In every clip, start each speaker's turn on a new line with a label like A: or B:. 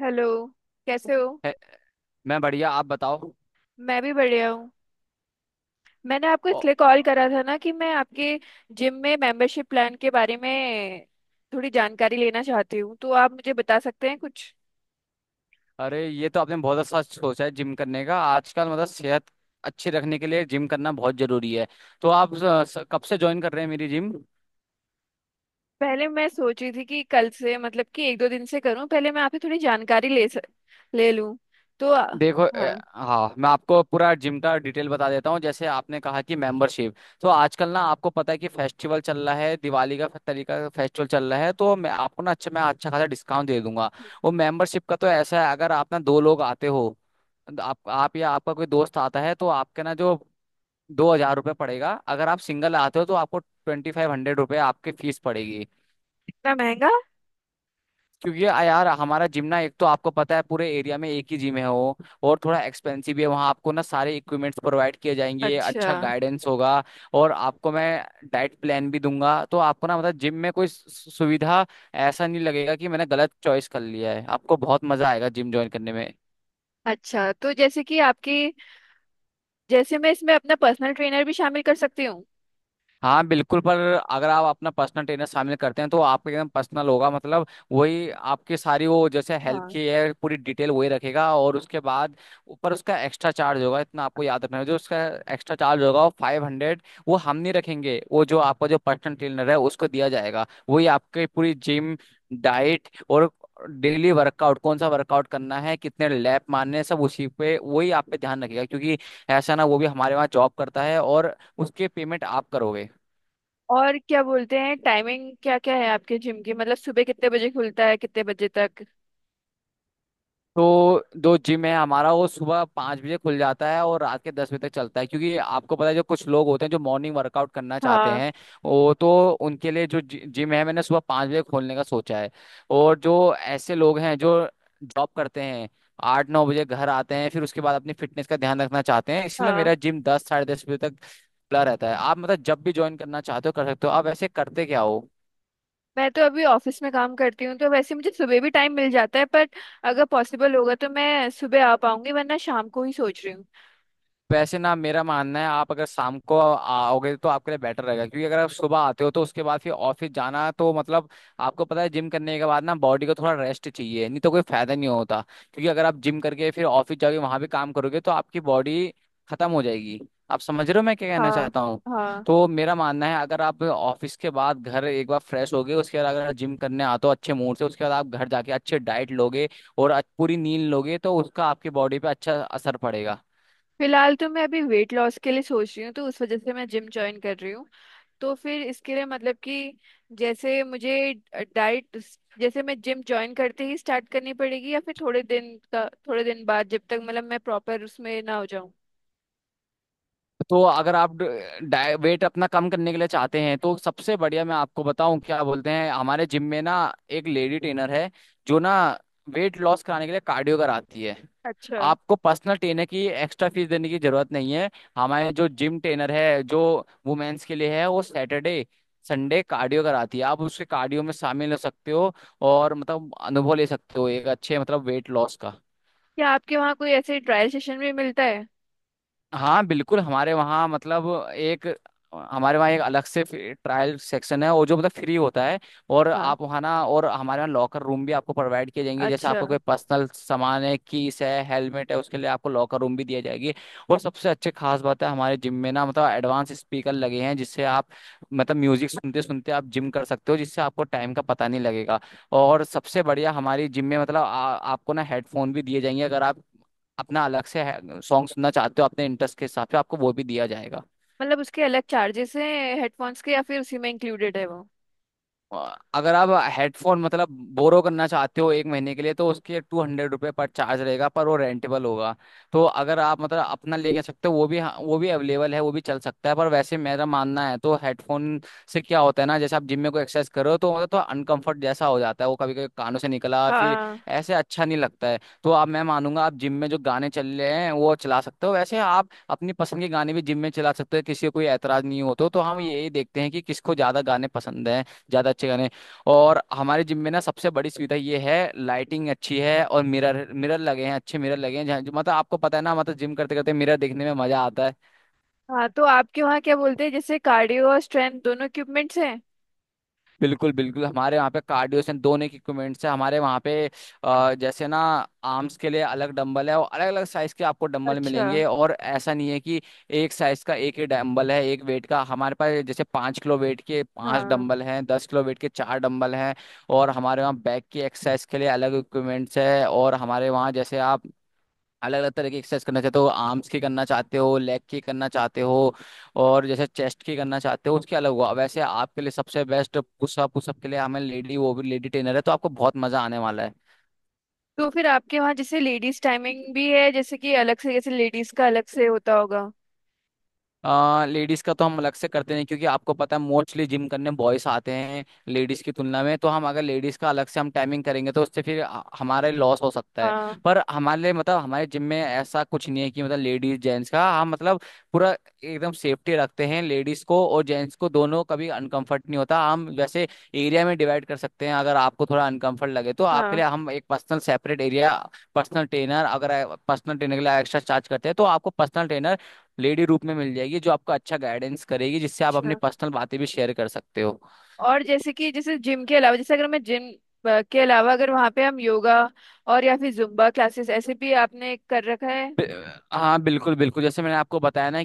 A: Hello. कैसे हो।
B: है- मैं बढ़िया। आप बताओ।
A: मैं भी बढ़िया हूँ। मैंने आपको
B: ओ,
A: इसलिए कॉल करा था ना कि मैं आपके जिम में मेंबरशिप प्लान के बारे में थोड़ी जानकारी लेना चाहती हूँ, तो आप मुझे बता सकते हैं कुछ।
B: अरे, ये तो आपने बहुत अच्छा सोचा है जिम करने का। आजकल मतलब सेहत अच्छी रखने के लिए जिम करना बहुत जरूरी है। तो आप कब से ज्वाइन कर रहे हैं मेरी जिम?
A: पहले मैं सोची थी कि कल से मतलब कि एक दो दिन से करूँ, पहले मैं आपसे थोड़ी जानकारी ले लूँ। तो आ-
B: देखो,
A: हाँ,
B: हाँ, मैं आपको पूरा जिम का डिटेल बता देता हूँ। जैसे आपने कहा कि मेंबरशिप, तो आजकल ना आपको पता है कि फेस्टिवल चल रहा है, दिवाली का तरीका का फेस्टिवल चल रहा है, तो मैं आपको ना, अच्छा, मैं अच्छा खासा डिस्काउंट दे दूंगा वो मेंबरशिप का। तो ऐसा है, अगर आप ना दो लोग आते हो, आप या आपका कोई दोस्त आता है, तो आपके ना जो ₹2,000 पड़ेगा। अगर आप सिंगल आते हो तो आपको ₹2500 आपकी फीस पड़ेगी।
A: इतना महंगा।
B: क्योंकि यार, हमारा जिम ना, एक तो आपको पता है पूरे एरिया में एक ही जिम है वो, और थोड़ा एक्सपेंसिव भी है। वहाँ आपको ना सारे इक्विपमेंट्स प्रोवाइड किए जाएंगे,
A: अच्छा।
B: अच्छा गाइडेंस होगा, और आपको मैं डाइट प्लान भी दूंगा। तो आपको ना मतलब जिम में कोई सुविधा, ऐसा नहीं लगेगा कि मैंने गलत चॉइस कर लिया है। आपको बहुत मजा आएगा जिम ज्वाइन करने में।
A: अच्छा, तो जैसे कि आपकी, जैसे मैं इसमें अपना पर्सनल ट्रेनर भी शामिल कर सकती हूँ।
B: हाँ बिल्कुल, पर अगर आप अपना पर्सनल ट्रेनर शामिल करते हैं तो आपका एकदम पर्सनल होगा। मतलब वही आपकी सारी वो, जैसे हेल्थ
A: हाँ।
B: की है पूरी डिटेल, वही रखेगा। और उसके बाद ऊपर उसका एक्स्ट्रा चार्ज होगा, इतना आपको याद रखना है। जो उसका एक्स्ट्रा चार्ज होगा वो 500, वो हम नहीं रखेंगे, वो जो आपका जो पर्सनल ट्रेनर है उसको दिया जाएगा। वही आपकी पूरी जिम डाइट और डेली वर्कआउट, कौन सा वर्कआउट करना है, कितने लैप मारने हैं, सब उसी पे वही आप पे ध्यान रखेगा। क्योंकि ऐसा ना, वो भी हमारे वहाँ जॉब करता है, और उसके पेमेंट आप करोगे।
A: और क्या बोलते हैं, टाइमिंग क्या क्या है आपके जिम की, मतलब सुबह कितने बजे खुलता है कितने बजे तक।
B: तो जो जिम है हमारा वो सुबह 5 बजे खुल जाता है और रात के 10 बजे तक चलता है, क्योंकि आपको पता है जो कुछ लोग होते हैं जो मॉर्निंग वर्कआउट करना चाहते
A: हाँ।
B: हैं, वो तो, उनके लिए जो जिम है मैंने सुबह 5 बजे खोलने का सोचा है। और जो ऐसे लोग हैं जो जॉब करते हैं, 8 9 बजे घर आते हैं, फिर उसके बाद अपनी फिटनेस का ध्यान रखना चाहते हैं, इसलिए
A: हाँ,
B: मेरा जिम 10 साढ़े 10 बजे तक खुला रहता है। आप मतलब जब भी ज्वाइन करना चाहते हो कर सकते हो। आप ऐसे करते क्या हो?
A: मैं तो अभी ऑफिस में काम करती हूँ तो वैसे मुझे सुबह भी टाइम मिल जाता है, पर अगर पॉसिबल होगा तो मैं सुबह आ पाऊंगी, वरना शाम को ही सोच रही हूँ।
B: वैसे ना मेरा मानना है, आप अगर शाम को आओगे तो आपके लिए बेटर रहेगा। क्योंकि अगर आप सुबह आते हो तो उसके बाद फिर ऑफिस जाना, तो मतलब आपको पता है जिम करने के बाद ना बॉडी को थोड़ा रेस्ट चाहिए, नहीं तो कोई फायदा नहीं होता। क्योंकि अगर आप जिम करके फिर ऑफिस जाके वहां भी काम करोगे तो आपकी बॉडी खत्म हो जाएगी। आप समझ रहे हो मैं क्या कहना
A: हाँ
B: चाहता हूँ?
A: हाँ
B: तो मेरा मानना है अगर आप ऑफिस के बाद घर एक बार फ्रेश होगे, उसके बाद अगर जिम करने आते हो अच्छे मूड से, उसके बाद आप घर जाके अच्छे डाइट लोगे और पूरी नींद लोगे, तो उसका आपकी बॉडी पे अच्छा असर पड़ेगा।
A: फिलहाल तो मैं अभी वेट लॉस के लिए सोच रही हूँ, तो उस वजह से मैं जिम ज्वाइन कर रही हूँ। तो फिर इसके लिए मतलब कि, जैसे मुझे डाइट, जैसे मैं जिम ज्वाइन करते ही स्टार्ट करनी पड़ेगी या फिर थोड़े दिन का, थोड़े दिन बाद जब तक मतलब मैं प्रॉपर उसमें ना हो जाऊं।
B: तो अगर आप वेट अपना कम करने के लिए चाहते हैं तो सबसे बढ़िया मैं आपको बताऊं, क्या बोलते हैं, हमारे जिम में ना एक लेडी ट्रेनर है जो ना वेट लॉस कराने के लिए कार्डियो कराती है।
A: अच्छा,
B: आपको पर्सनल ट्रेनर की एक्स्ट्रा फीस देने की जरूरत नहीं है। हमारे जो जिम ट्रेनर है जो वुमेन्स के लिए है वो सैटरडे संडे कार्डियो कराती है। आप उसके कार्डियो में शामिल हो सकते हो और मतलब अनुभव ले सकते हो एक अच्छे मतलब वेट लॉस का।
A: क्या आपके वहाँ कोई ऐसे ट्रायल सेशन भी मिलता है।
B: हाँ बिल्कुल, हमारे वहाँ मतलब एक, हमारे वहाँ एक अलग से ट्रायल सेक्शन है, वो जो मतलब फ्री होता है। और
A: हाँ।
B: आप वहाँ ना, और हमारे वहाँ लॉकर रूम भी आपको प्रोवाइड किए जाएंगे, जैसे
A: अच्छा,
B: आपको कोई पर्सनल सामान है, कीस है, हेलमेट है, उसके लिए आपको लॉकर रूम भी दिया जाएगी। और सबसे अच्छे खास बात है हमारे जिम में ना मतलब एडवांस स्पीकर लगे हैं, जिससे आप मतलब म्यूजिक सुनते सुनते आप जिम कर सकते हो, जिससे आपको टाइम का पता नहीं लगेगा। और सबसे बढ़िया हमारी जिम में मतलब आपको ना हेडफोन भी दिए जाएंगे अगर आप अपना अलग से सॉन्ग सुनना चाहते हो। अपने इंटरेस्ट के हिसाब से आपको वो भी दिया जाएगा।
A: मतलब उसके अलग चार्जेस हैं हेडफोन्स के या फिर उसी में इंक्लूडेड है वो।
B: अ, अगर आप हेडफोन मतलब बोरो करना चाहते हो एक महीने के लिए, तो उसके ₹200 पर चार्ज रहेगा, पर वो रेंटेबल होगा। तो अगर आप मतलब अपना ले जा सकते हो वो भी, हाँ, वो भी अवेलेबल है, वो भी चल सकता है। पर वैसे मेरा मानना है, तो हेडफोन से क्या होता है ना, जैसे आप जिम में कोई एक्सरसाइज करो तो मतलब तो अनकंफर्ट जैसा हो जाता है, वो कभी कभी कानों से निकला फिर
A: हाँ।
B: ऐसे अच्छा नहीं लगता है। तो आप, मैं मानूंगा, आप जिम में जो गाने चल रहे हैं वो चला सकते हो। वैसे आप अपनी पसंद के गाने भी जिम में चला सकते हो, किसी को कोई एतराज नहीं हो तो हम यही देखते हैं कि किसको ज्यादा गाने पसंद है, ज़्यादा अच्छे गाने। और हमारे जिम में ना सबसे बड़ी सुविधा ये है, लाइटिंग अच्छी है, और मिरर, मिरर लगे हैं, अच्छे मिरर लगे हैं, जहाँ जो मतलब आपको पता है ना मतलब जिम करते करते मिरर देखने में मजा आता है।
A: हाँ, तो आपके वहाँ क्या बोलते हैं जैसे कार्डियो और स्ट्रेंथ दोनों इक्विपमेंट्स हैं।
B: बिल्कुल बिल्कुल, हमारे वहाँ पे कार्डियोसेन दोनों के इक्विपमेंट्स है हमारे वहाँ पे। जैसे ना आर्म्स के लिए अलग डंबल है और अलग अलग साइज के आपको डंबल
A: अच्छा।
B: मिलेंगे। और ऐसा नहीं है कि एक साइज का एक ही डंबल है एक वेट का, हमारे पास जैसे पाँच किलो वेट के पांच
A: हाँ,
B: डंबल हैं, 10 किलो वेट के 4 डंबल हैं। और हमारे वहाँ बैक की एक्सरसाइज के लिए अलग इक्विपमेंट्स है। और हमारे वहाँ जैसे आप अलग अलग तरह की एक्सरसाइज करना चाहते हो, आर्म्स की करना चाहते हो, लेग की करना चाहते हो, और जैसे चेस्ट की करना चाहते हो उसके अलग हुआ। वैसे आपके लिए सबसे बेस्ट पुशअप, पुशअप के लिए हमें लेडी, वो भी लेडी ट्रेनर है, तो आपको बहुत मजा आने वाला है।
A: तो फिर आपके वहाँ जैसे लेडीज टाइमिंग भी है, जैसे कि अलग से, जैसे लेडीज का अलग से होता होगा।
B: लेडीज का तो हम अलग से करते नहीं, क्योंकि आपको पता है मोस्टली जिम करने बॉयज आते हैं लेडीज की तुलना में। तो हम अगर लेडीज का अलग से हम टाइमिंग करेंगे तो उससे फिर हमारे लॉस हो सकता है।
A: हाँ।
B: पर हमारे लिए मतलब हमारे जिम में ऐसा कुछ नहीं है कि मतलब लेडीज जेंट्स का, हम मतलब पूरा एकदम सेफ्टी रखते हैं, लेडीज को और जेंट्स को दोनों कभी अनकंफर्ट नहीं होता। हम वैसे एरिया में डिवाइड कर सकते हैं अगर आपको थोड़ा अनकंफर्ट लगे, तो आपके
A: हाँ।
B: लिए हम एक personal separate area personal trainer, अगर पर्सनल ट्रेनर के लिए एक्स्ट्रा चार्ज करते हैं तो आपको पर्सनल ट्रेनर लेडी रूप में मिल जाएगी, जो आपको अच्छा गाइडेंस करेगी, जिससे आप अपनी
A: अच्छा।
B: पर्सनल बातें भी शेयर कर सकते हो।
A: और जैसे कि जैसे जिम के अलावा, जैसे अगर मैं जिम के अलावा अगर वहाँ पे हम योगा और या फिर जुम्बा क्लासेस ऐसे भी आपने कर रखा है।
B: बि- हाँ बिल्कुल बिल्कुल, जैसे मैंने आपको बताया ना,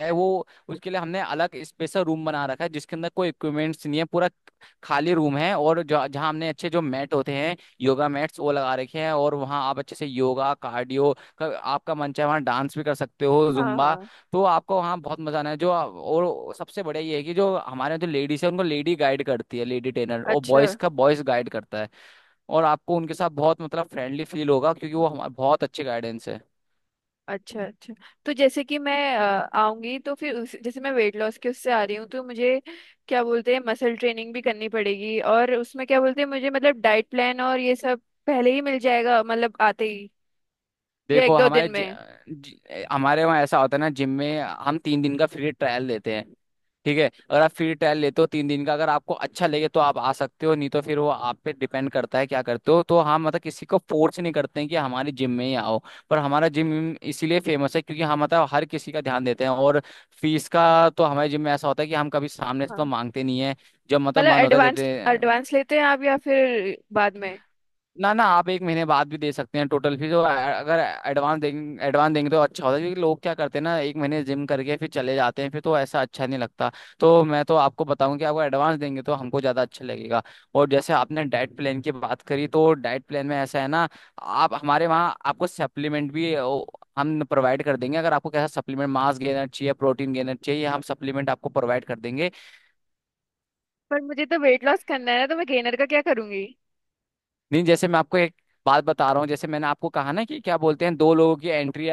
B: है वो, उसके लिए हमने अलग स्पेशल रूम बना रखा है जिसके अंदर कोई इक्विपमेंट्स नहीं है, पूरा खाली रूम है, और जो जहाँ हमने अच्छे जो मैट होते हैं, योगा मैट्स वो लगा रखे हैं। और वहाँ आप अच्छे से योगा कार्डियो का, आपका मन चाहे वहाँ डांस भी कर सकते हो,
A: हाँ
B: जुम्बा।
A: हाँ।
B: तो आपको वहाँ बहुत मजा आना है जो। और सबसे बढ़िया ये है कि जो हमारे यहाँ जो लेडीज है उनको लेडी गाइड करती है, लेडी ट्रेनर, और
A: अच्छा।
B: बॉयज का बॉयज गाइड करता है। और आपको उनके साथ बहुत मतलब फ्रेंडली फील होगा, क्योंकि वो हमारे बहुत अच्छे गाइडेंस है।
A: अच्छा, अच्छा तो जैसे कि मैं आऊंगी तो फिर उस, जैसे मैं वेट लॉस के उससे आ रही हूँ, तो मुझे क्या बोलते हैं मसल ट्रेनिंग भी करनी पड़ेगी, और उसमें क्या बोलते हैं मुझे मतलब डाइट प्लान और ये सब पहले ही मिल जाएगा मतलब आते ही, या एक
B: देखो
A: दो
B: हमारे
A: दिन
B: जि,
A: में।
B: जि, हमारे वहाँ ऐसा होता है ना, जिम में हम 3 दिन का फ्री ट्रायल देते हैं। ठीक है, अगर आप फ्री ट्रायल लेते हो 3 दिन का, अगर आपको अच्छा लगे तो आप आ सकते हो, नहीं तो फिर वो आप पे डिपेंड करता है क्या करते हो। तो हम मतलब किसी को फोर्स नहीं करते हैं कि हमारे जिम में ही आओ। पर हमारा जिम इसीलिए फेमस है क्योंकि हम मतलब हर किसी का ध्यान देते हैं। और फीस का तो हमारे जिम में ऐसा होता है कि हम कभी सामने से तो
A: हाँ।
B: मांगते नहीं है, जब मतलब
A: मतलब
B: मन होता है
A: एडवांस
B: देते हैं।
A: एडवांस लेते हैं आप या फिर बाद में।
B: ना ना, आप एक महीने बाद भी दे सकते हैं टोटल फीस। और अगर एडवांस देंगे, एडवांस देंगे तो अच्छा होता है क्योंकि लोग क्या करते हैं ना, एक महीने जिम करके फिर चले जाते हैं, फिर तो ऐसा अच्छा नहीं लगता। तो मैं तो आपको बताऊं कि आपको एडवांस देंगे तो हमको ज़्यादा अच्छा लगेगा। और जैसे आपने डाइट प्लान की बात करी तो डाइट प्लान में ऐसा है ना, आप हमारे वहाँ, आपको सप्लीमेंट भी हम प्रोवाइड कर देंगे। अगर आपको कैसा सप्लीमेंट, मास गेनर चाहिए, प्रोटीन गेनर चाहिए, हम सप्लीमेंट आपको प्रोवाइड कर देंगे।
A: पर मुझे तो वेट लॉस करना है ना, तो मैं गेनर का क्या करूंगी।
B: नहीं, जैसे मैं आपको एक बात बता रहा हूँ, जैसे मैंने आपको कहा ना कि क्या बोलते हैं दो लोगों की एंट्री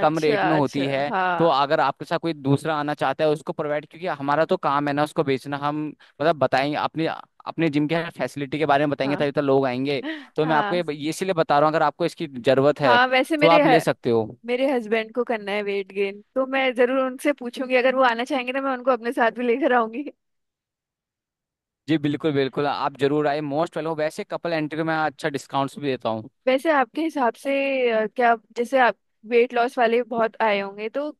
B: कम रेट में
A: अच्छा।
B: होती है। तो
A: हाँ।
B: अगर आपके साथ कोई दूसरा आना चाहता है उसको प्रोवाइड, क्योंकि हमारा तो काम है ना उसको बेचना, हम मतलब बताएंगे अपने अपने जिम के फैसिलिटी के बारे में, बताएंगे
A: हाँ।
B: तभी तो लोग आएंगे। तो मैं आपको
A: हाँ।
B: ये इसीलिए बता रहा हूँ, अगर आपको इसकी जरूरत है
A: हाँ,
B: तो आप ले सकते हो।
A: मेरे हस्बैंड को करना है वेट गेन, तो मैं जरूर उनसे पूछूंगी, अगर वो आना चाहेंगे तो मैं उनको अपने साथ भी लेकर आऊंगी।
B: जी बिल्कुल बिल्कुल, आप जरूर आए, मोस्ट वेलकम। वैसे कपल एंट्री में अच्छा डिस्काउंट्स भी देता हूँ।
A: वैसे आपके हिसाब से क्या जैसे आप वेट लॉस वाले बहुत आए होंगे, तो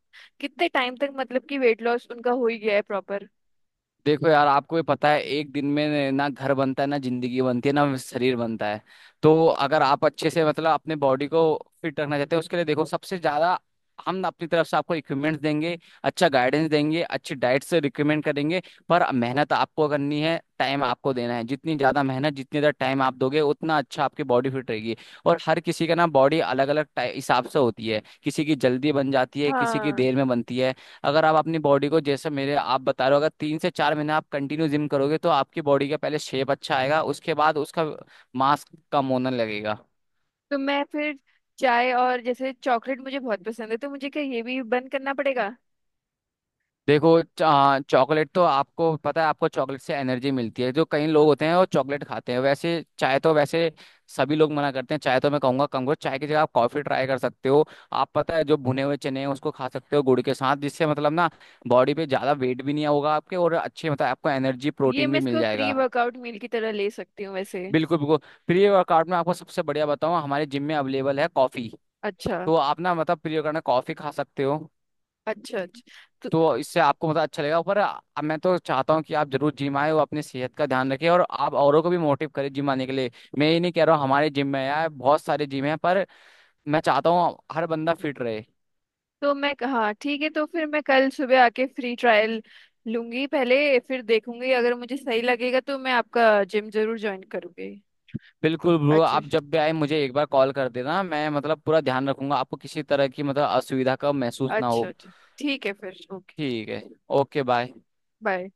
A: कितने टाइम तक मतलब कि वेट लॉस उनका हो ही गया है प्रॉपर।
B: देखो यार, आपको भी पता है, एक दिन में ना घर बनता है, ना जिंदगी बनती है, ना शरीर बनता है। तो अगर आप अच्छे से मतलब अपने बॉडी को फिट रखना चाहते हैं उसके लिए, देखो सबसे ज्यादा हम अपनी तरफ से आपको इक्विपमेंट्स देंगे, अच्छा गाइडेंस देंगे, अच्छी डाइट से रिकमेंड करेंगे, पर मेहनत आपको करनी है, टाइम आपको देना है। जितनी ज्यादा मेहनत, जितनी ज्यादा टाइम आप दोगे उतना अच्छा आपकी बॉडी फिट रहेगी। और हर किसी का ना बॉडी अलग अलग हिसाब से होती है, किसी की जल्दी बन जाती है, किसी की
A: हाँ।
B: देर में बनती है। अगर आप अपनी बॉडी को, जैसे मेरे आप बता रहे हो, अगर 3 से 4 महीने आप कंटिन्यू जिम करोगे तो आपकी बॉडी का पहले शेप अच्छा आएगा, उसके बाद उसका मास कम होने लगेगा।
A: तो मैं फिर चाय और जैसे चॉकलेट मुझे बहुत पसंद है, तो मुझे क्या ये भी बंद करना पड़ेगा।
B: देखो, चॉकलेट तो आपको पता है आपको चॉकलेट से एनर्जी मिलती है, जो कई लोग होते हैं वो चॉकलेट खाते हैं, वैसे चाय तो वैसे सभी लोग मना करते हैं, चाय तो मैं कहूंगा कम करो, चाय की जगह आप कॉफी ट्राई कर सकते हो। आप पता है जो भुने हुए चने हैं उसको खा सकते हो गुड़ के साथ, जिससे मतलब ना बॉडी पे ज्यादा वेट भी नहीं होगा आपके, और अच्छे मतलब आपको एनर्जी
A: ये
B: प्रोटीन
A: मैं
B: भी मिल
A: इसको प्री
B: जाएगा।
A: वर्कआउट मील की तरह ले सकती हूँ वैसे।
B: बिल्कुल बिल्कुल, प्री वर्कआउट में आपको सबसे बढ़िया बताऊँ, हमारे जिम में अवेलेबल है कॉफ़ी।
A: अच्छा।
B: तो आप ना मतलब प्री वर्कआउट में कॉफ़ी खा सकते हो।
A: अच्छा। तो,
B: तो इससे आपको मतलब अच्छा लगेगा। पर मैं तो चाहता हूँ कि आप जरूर जिम आए और अपनी सेहत का ध्यान रखें और आप औरों को भी मोटिव करें जिम आने के लिए। मैं ये नहीं कह रहा हूँ हमारे जिम में आया, बहुत सारे जिम हैं, पर मैं चाहता हूँ हर बंदा फिट रहे।
A: तो मैं, हाँ ठीक है, तो फिर मैं कल सुबह आके फ्री ट्रायल लूंगी पहले, फिर देखूंगी अगर मुझे सही लगेगा तो मैं आपका जिम जरूर ज्वाइन करूंगी।
B: बिल्कुल ब्रो,
A: अच्छा।
B: आप जब भी आए मुझे एक बार कॉल कर देना, मैं मतलब पूरा ध्यान रखूंगा आपको किसी तरह की मतलब असुविधा का महसूस ना
A: अच्छा,
B: हो।
A: अच्छा ठीक है फिर। ओके।
B: ठीक है, ओके बाय।
A: बाय।